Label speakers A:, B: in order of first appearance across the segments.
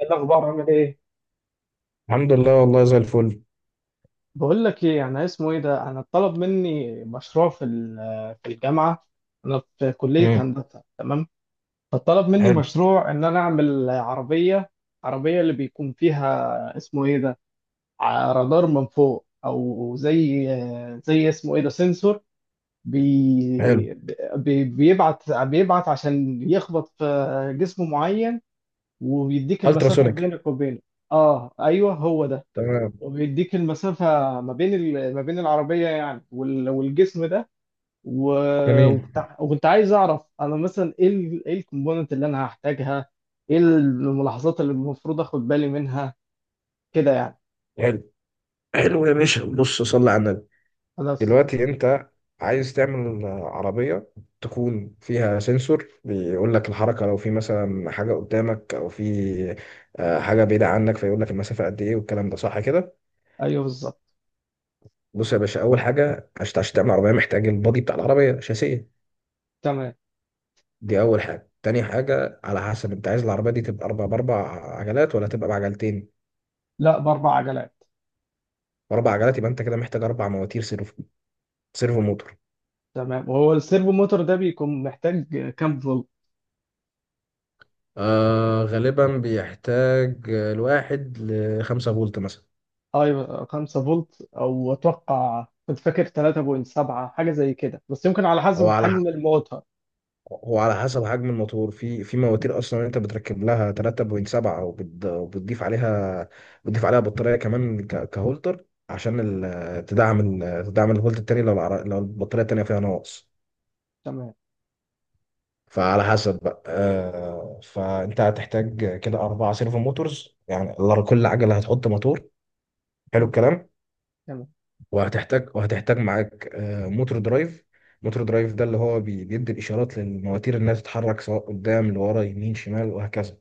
A: إيه الاخبار؟ عامل ايه؟
B: الحمد لله، والله زي الفل.
A: بقول لك ايه، انا اسمه ايه ده انا اتطلب مني مشروع في الجامعه. انا في كليه
B: امم.
A: هندسه، تمام. فطلب مني
B: حلو.
A: مشروع ان انا اعمل عربيه، عربيه اللي بيكون فيها اسمه ايه ده رادار من فوق، او زي اسمه ايه ده سنسور
B: حلو.
A: بي بيبعت عشان يخبط في جسم معين وبيديك المسافه
B: التراسونيك.
A: بينك وبينه. اه، ايوه، هو ده.
B: تمام.
A: وبيديك المسافة ما بين العربية، يعني والجسم ده. و-
B: جميل.
A: وكنت وكنت عايز أعرف أنا مثلا إيه الكومبوننت اللي أنا هحتاجها، إيه الملاحظات اللي المفروض آخد بالي منها، كده يعني.
B: حلو. حلو يا باشا، بص صلي على النبي.
A: هذا السطس.
B: دلوقتي انت عايز تعمل عربية تكون فيها سنسور بيقول لك الحركة، لو في مثلا حاجة قدامك او في حاجة بعيدة عنك، فيقول لك المسافة قد ايه، والكلام ده صح كده؟
A: أيوه، بالظبط.
B: بص يا باشا، اول حاجة عشان تعمل عربية محتاج البادي بتاع العربية، شاسية.
A: تمام.
B: دي اول حاجة. تاني حاجة، على حسب انت عايز العربية دي تبقى اربع باربع عجلات ولا تبقى بعجلتين.
A: لا، بأربع عجلات.
B: اربع عجلات، يبقى انت كده محتاج اربع مواتير سيرفو، سيرفو موتور.
A: تمام. وهو السيرفو موتور ده بيكون محتاج كام فولت؟
B: آه غالبا بيحتاج الواحد لخمسة فولت مثلا.
A: أيوه، 5 فولت. أو أتوقع، كنت فاكر 3.7 حاجة زي كده، بس يمكن على
B: هو
A: حسب
B: على ح-
A: حجم الموتور.
B: هو على حسب حجم الموتور. في مواتير اصلا انت بتركب لها 3.7، وبتضيف عليها بطاريه كمان كهولتر، عشان تدعم تدعم الفولت التاني، لو لو البطاريه التانيه فيها ناقص.
A: تمام.
B: فعلى حسب بقى، فانت هتحتاج كده اربع سيرفو موتورز. يعني كل عجله هتحط موتور. حلو الكلام. وهتحتاج معاك موتور درايف. موتور درايف ده اللي هو بيدي الاشارات للمواتير انها تتحرك، سواء قدام لورا يمين شمال وهكذا.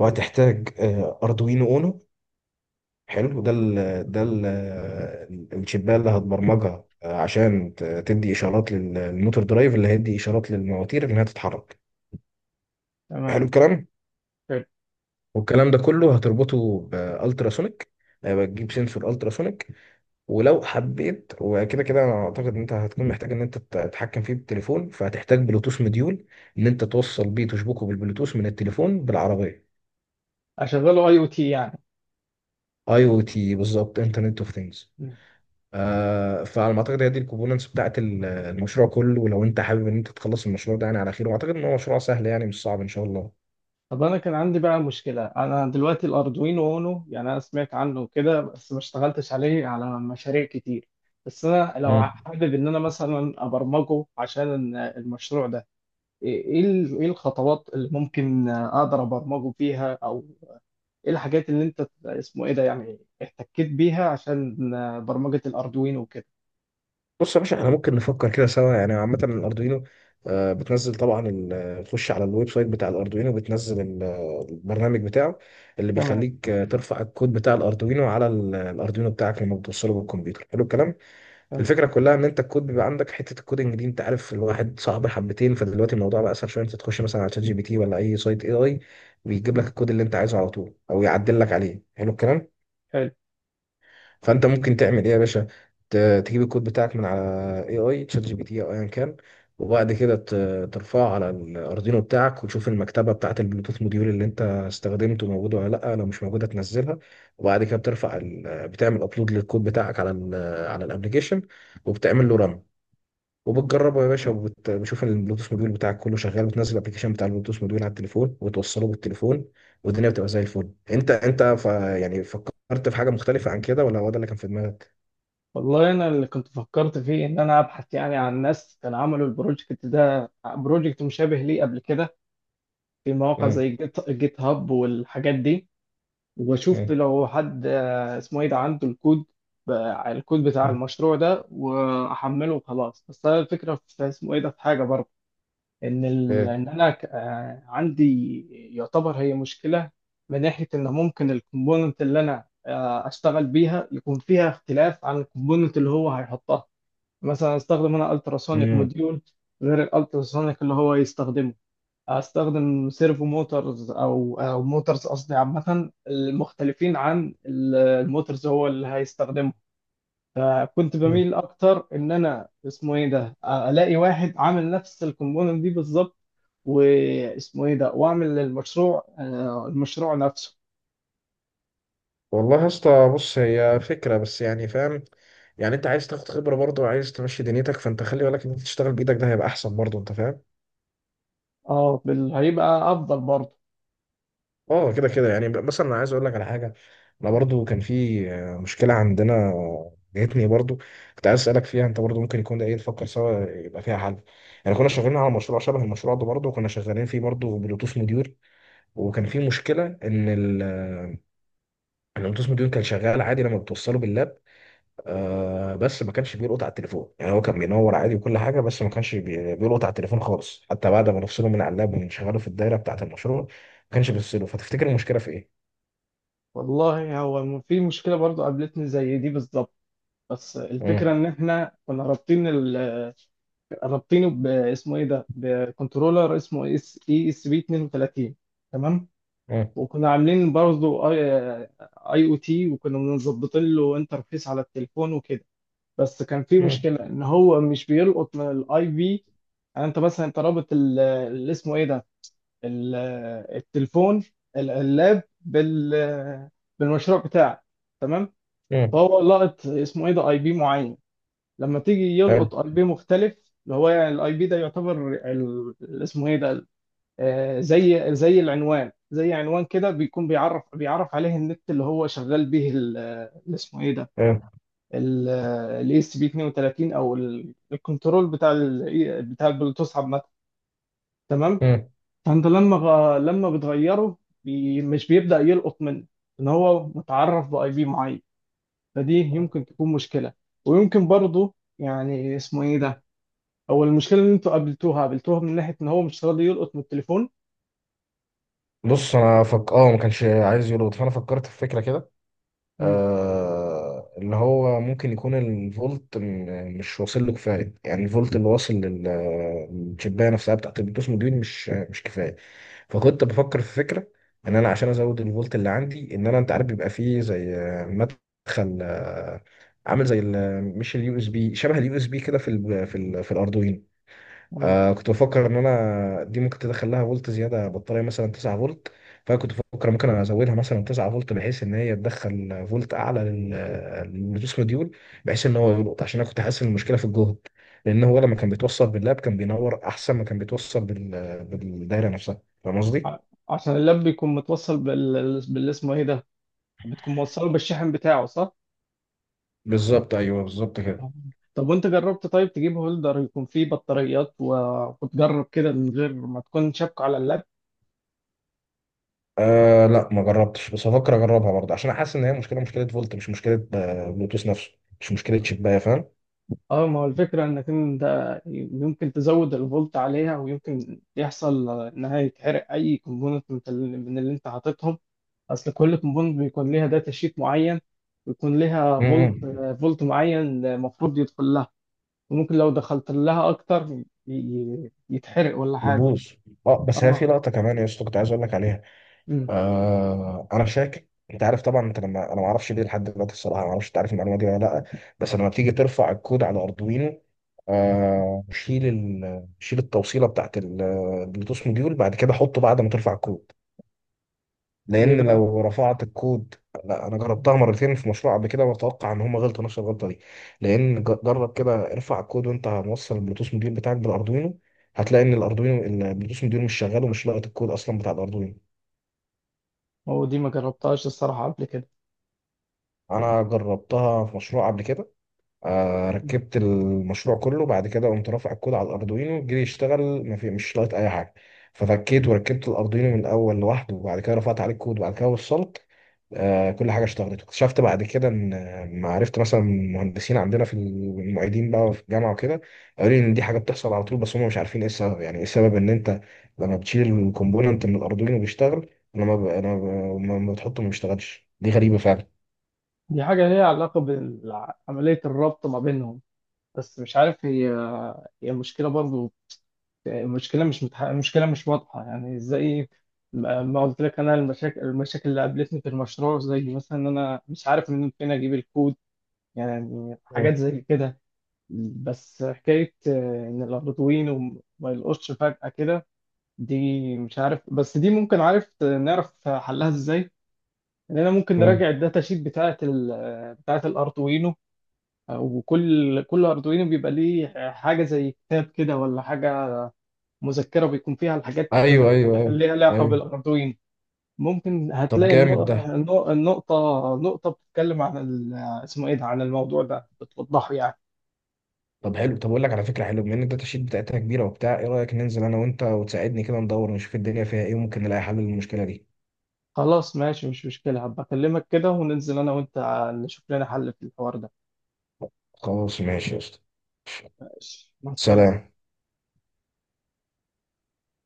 A: تمام.
B: اردوينو اونو. حلو. ده ال الشبايه اللي هتبرمجها عشان تدي اشارات للموتور درايف اللي هيدي اشارات للمواتير انها تتحرك. حلو
A: تمام.
B: الكلام.
A: حلو.
B: والكلام ده كله هتربطه بالتراسونيك. هيبقى تجيب سنسور التراسونيك. ولو حبيت وكده كده، انا اعتقد ان انت هتكون محتاج ان انت تتحكم فيه بالتليفون، فهتحتاج بلوتوث مديول، ان انت توصل بيه تشبكه بالبلوتوث من التليفون بالعربيه.
A: اشغله اي او تي، يعني.
B: اي او تي بالظبط، انترنت اوف ثينجز.
A: مم.
B: آه، فعلى ما اعتقد هي دي الكومبوننتس بتاعت المشروع كله. ولو انت حابب ان انت تخلص المشروع ده يعني على خير، واعتقد ان هو مشروع سهل يعني، مش صعب ان شاء الله.
A: طب انا كان عندي بقى مشكله. انا دلوقتي الاردوينو اونو، يعني انا سمعت عنه كده بس ما اشتغلتش عليه على مشاريع كتير. بس انا لو حابب ان انا مثلا ابرمجه عشان المشروع ده، إيه الخطوات اللي ممكن اقدر ابرمجه فيها، او ايه الحاجات اللي انت اسمه ايه ده، يعني، احتكيت بيها عشان برمجه الاردوينو وكده؟
B: بص يا باشا، احنا ممكن نفكر كده سوا. يعني عامة الأردوينو، بتنزل طبعا تخش على الويب سايت بتاع الأردوينو، بتنزل البرنامج بتاعه، اللي
A: تمام.
B: بيخليك ترفع الكود بتاع الأردوينو على الأردوينو بتاعك لما بتوصله بالكمبيوتر. حلو الكلام.
A: حلو.
B: الفكرة كلها إن أنت الكود بيبقى عندك، حتة الكودنج دي أنت عارف الواحد صعب حبتين، فدلوقتي الموضوع بقى أسهل شوية. أنت تخش مثلا على شات جي بي تي ولا أي سايت اي اي، بيجيب لك
A: مم.
B: الكود اللي أنت عايزه على طول أو يعدل لك عليه. حلو الكلام.
A: حلو.
B: فانت ممكن تعمل ايه يا باشا؟ ت- تجيب الكود بتاعك من على اي اي شات جي بي تي او ايا كان، وبعد كده ترفعه على الاردينو بتاعك، وتشوف المكتبه بتاعه البلوتوث موديول اللي انت استخدمته موجوده ولا لا. لو مش موجوده تنزلها. وبعد كده بتعمل ابلود للكود بتاعك على الابلكيشن، وبتعمل له رن، وبتجربه يا باشا. وبشوف البلوتوث موديول بتاعك كله شغال، بتنزل الابلكيشن بتاع البلوتوث موديول على التليفون، وتوصله بالتليفون، والدنيا بتبقى زي الفل. يعني فكرت في حاجه مختلفه عن كده، ولا هو ده اللي كان في دماغك؟
A: والله انا اللي كنت فكرت فيه ان انا ابحث، يعني، عن ناس كانوا عملوا البروجكت ده، بروجكت مشابه ليه قبل كده، في مواقع زي
B: مم.
A: جيت هاب والحاجات دي. واشوف
B: مم.
A: لو حد اسمه ايه ده عنده الكود، ب- الكود بتاع
B: مم.
A: المشروع ده واحمله وخلاص. بس انا الفكره في اسمه ايه ده، في حاجه برضه،
B: إيه.
A: ان انا عندي، يعتبر هي مشكله، من ناحيه ان ممكن الكومبوننت اللي انا اشتغل بيها يكون فيها اختلاف عن الكومبوننت اللي هو هيحطها. مثلا استخدم انا التراسونيك
B: مم.
A: موديول غير الالتراسونيك اللي هو يستخدمه. استخدم سيرفو موتورز او موتورز قصدي، عامه، المختلفين عن الموتورز هو اللي هيستخدمه. فكنت
B: مم.
A: بميل اكتر ان انا اسمه ايه ده الاقي واحد عامل نفس الكومبوننت دي بالظبط، واسمه ايه ده واعمل المشروع نفسه.
B: والله يا اسطى، بص هي فكره بس يعني فاهم. يعني انت عايز تاخد خبره برضه، وعايز تمشي دنيتك، فانت خلي بالك ان انت تشتغل بايدك، ده هيبقى احسن برضه. انت فاهم؟
A: اه، هيبقى افضل برضه.
B: اه، كده كده يعني مثلا انا عايز اقول لك على حاجه. انا برضو كان في مشكله عندنا، جاتني برضو، كنت عايز اسالك فيها انت برضو. ممكن يكون ده ايه، نفكر سوا يبقى فيها حل. يعني كنا شغالين على مشروع شبه المشروع ده برضو، وكنا شغالين فيه برضو بلوتوث موديول. وكان في مشكله ان ال آه، إن البلوتوث موديول كان شغال عادي لما بتوصله باللاب، آه بس ما كانش بيلقط على التليفون. يعني هو كان بينور عادي وكل حاجه، بس ما كانش بيلقط على التليفون خالص، حتى بعد ما نفصله من على اللاب ونشغله في الدايره بتاعه المشروع، ما كانش بيفصله. فتفتكر المشكله في ايه؟
A: والله هو في مشكله برضه قابلتني زي دي بالظبط. بس الفكرة
B: مم.
A: إن إحنا كنا رابطين رابطينه باسمه إيه ده؟ بكنترولر اسمه اس إي اس بي 32. تمام؟
B: مم.
A: وكنا عاملين برضه أي أو تي، وكنا مظبطين له انترفيس على التليفون وكده. بس كان في
B: مم.
A: مشكلة إن هو مش بيلقط من الأي بي. يعني أنت مثلا، أنت رابط اللي اسمه إيه ده؟ ال... التليفون، اللاب، بالمشروع بتاعك. تمام؟
B: مم.
A: فهو لقط اسمه إيه ده؟ أي بي معين. لما تيجي
B: حلو.
A: يلقط اي بي مختلف، اللي هو يعني الاي بي ده يعتبر اسمه ايه ده، زي العنوان، زي عنوان كده، بيكون بيعرف عليه النت اللي هو شغال به، اللي اسمه ايه ده،
B: مم.
A: الاي اس بي 32 او الكنترول بتاع البلوتوث، عامه. تمام.
B: مم.
A: فانت لما بتغيره، بي مش بيبدأ يلقط منه، ان هو متعرف باي بي معين. فدي يمكن تكون مشكله، ويمكن برضه، يعني، اسمه ايه ده، هو المشكله اللي انتوا قابلتوها من ناحيه ان هو مش راضي يلقط من التليفون.
B: بص انا فك، اه ما كانش عايز يربط، فانا فكرت في فكره كده.
A: مم.
B: آه، اللي هو ممكن يكون الفولت مش واصل له كفايه، يعني الفولت اللي واصل للشبايه نفسها بتاعت البلوتوث دي مش كفايه. فكنت بفكر في فكره ان انا عشان ازود الفولت اللي عندي، ان انا انت عارف بيبقى فيه زي مدخل عامل زي مش اليو اس بي، شبه اليو اس بي كده في ال في ال في الاردوينو.
A: مم.
B: آه، كنت بفكر ان انا دي ممكن تدخل لها فولت زياده بطاريه مثلا 9 فولت. فكنت بفكر ممكن ازودها مثلا 9 فولت، بحيث ان هي تدخل فولت اعلى للبلوتوث موديول، بحيث ان هو يلقط، عشان انا كنت حاسس ان المشكله في الجهد. لان هو لما كان بيتوصل باللاب كان بينور احسن ما كان بيتوصل
A: مم.
B: بالدايره نفسها. فاهم قصدي؟
A: ع- عشان اللاب بيكون متوصل اسمه ايه ده، بتكون موصله بالشاحن بتاعه، صح؟
B: بالظبط ايوه، بالظبط كده.
A: آه. طب وانت جربت؟ طيب تجيب هولدر يكون فيه بطاريات وتجرب كده من غير ما تكون شابكه على اللاب.
B: آه لا ما جربتش، بس هفكر اجربها برضه، عشان حاسس ان هي مشكله، مشكله فولت، مش مشكله بلوتوث نفسه، مش مشكله شبايه. فاهم؟
A: اه، ما هو الفكره انك انت يمكن تزود الفولت عليها ويمكن يحصل انها يتحرق اي كومبوننت من اللي انت حاططهم. اصل كل كومبوند بيكون ليها داتا شيت معين، ويكون ليها فولت
B: امم.
A: فولت معين المفروض يدخل لها، وممكن لو دخلت لها اكتر، يتحرق ولا حاجه.
B: يبوظ. اه، بس هي
A: اه.
B: في لقطه كمان يا اسطى كنت عايز اقول لك عليها.
A: أمم.
B: آه، انا شاكك. انت عارف طبعا، انت لما انا ما اعرفش ليه لحد دلوقتي الصراحه، ما اعرفش انت عارف المعلومه دي ولا لا، بس لما بتيجي ترفع الكود على اردوينو، آه شيل شيل التوصيله بتاعت البلوتوث موديول، بعد كده حطه بعد ما ترفع الكود.
A: ليه
B: لان
A: بقى؟
B: لو رفعت الكود، لا انا
A: أمم.
B: جربتها مرتين في مشروع قبل كده، واتوقع ان هم غلطوا نفس الغلطه دي. لان جرب كده، ارفع الكود وانت موصل البلوتوث موديول بتاعك بالاردوينو، هتلاقي ان الاردوينو، البلوتوث موديول مش شغال ومش لاقط الكود اصلا بتاع الاردوينو.
A: هو دي ما جربتهاش الصراحه قبل كده.
B: انا جربتها في مشروع قبل كده، آه
A: أمم.
B: ركبت المشروع كله، بعد كده قمت رافع الكود على الاردوينو، جه يشتغل ما في، مش لاقط اي حاجه. ففكيت وركبت الاردوينو من الاول لوحده، وبعد كده رفعت عليه الكود، وبعد كده وصلت كل حاجه، اشتغلت. واكتشفت بعد كده ان ما عرفت مثلا مهندسين عندنا في المعيدين بقى وفي الجامعه وكده، قالوا لي ان دي حاجه بتحصل على طول، بس هم مش عارفين ايه السبب. يعني ايه السبب ان انت لما بتشيل الكومبوننت من الاردوين وبيشتغل، لما لما بتحطه ما بيشتغلش. دي غريبه فعلا.
A: دي حاجه ليها علاقه بعمليه الربط ما بينهم، بس مش عارف، هي المشكله برضه. المشكله مش واضحه، يعني، ازاي. ما قلت لك، انا المشاكل اللي قابلتني في المشروع زي مثلا ان انا مش عارف من فين اجيب الكود، يعني حاجات
B: آه،
A: زي كده. بس حكايه، ان الاردوين وما يلقطش فجاه كده، دي مش عارف. بس دي ممكن، عارف، نعرف حلها ازاي. ان انا ممكن
B: آه.
A: نراجع الداتا شيت بتاعه بتاعه الاردوينو، وكل كل اردوينو بيبقى ليه حاجه زي كتاب كده ولا حاجه، مذكرة بيكون فيها الحاجات
B: ايوه ايوه ايوه.
A: اللي ليها علاقة
B: ايوه.
A: بالأردوين. ممكن
B: طب
A: هتلاقي
B: جامد
A: النق-
B: ده.
A: النق- النقطة نقطة بتتكلم عن اسمه إيه ده، عن الموضوع ده، بتوضحه يعني.
B: طب حلو، طب اقول لك على فكره حلوه، بما ان الداتا شيت بتاعتنا كبيره وبتاع ايه، رايك ننزل انا وانت وتساعدني كده، ندور ونشوف الدنيا فيها ايه، وممكن نلاقي حل للمشكله دي.
A: خلاص، ماشي، مش مشكلة. هبقى أكلمك كده وننزل أنا وأنت، نشوف لنا حل في الحوار ده.
B: خلاص ماشي يا اسطى.
A: ماشي، مع السلامة.
B: سلام.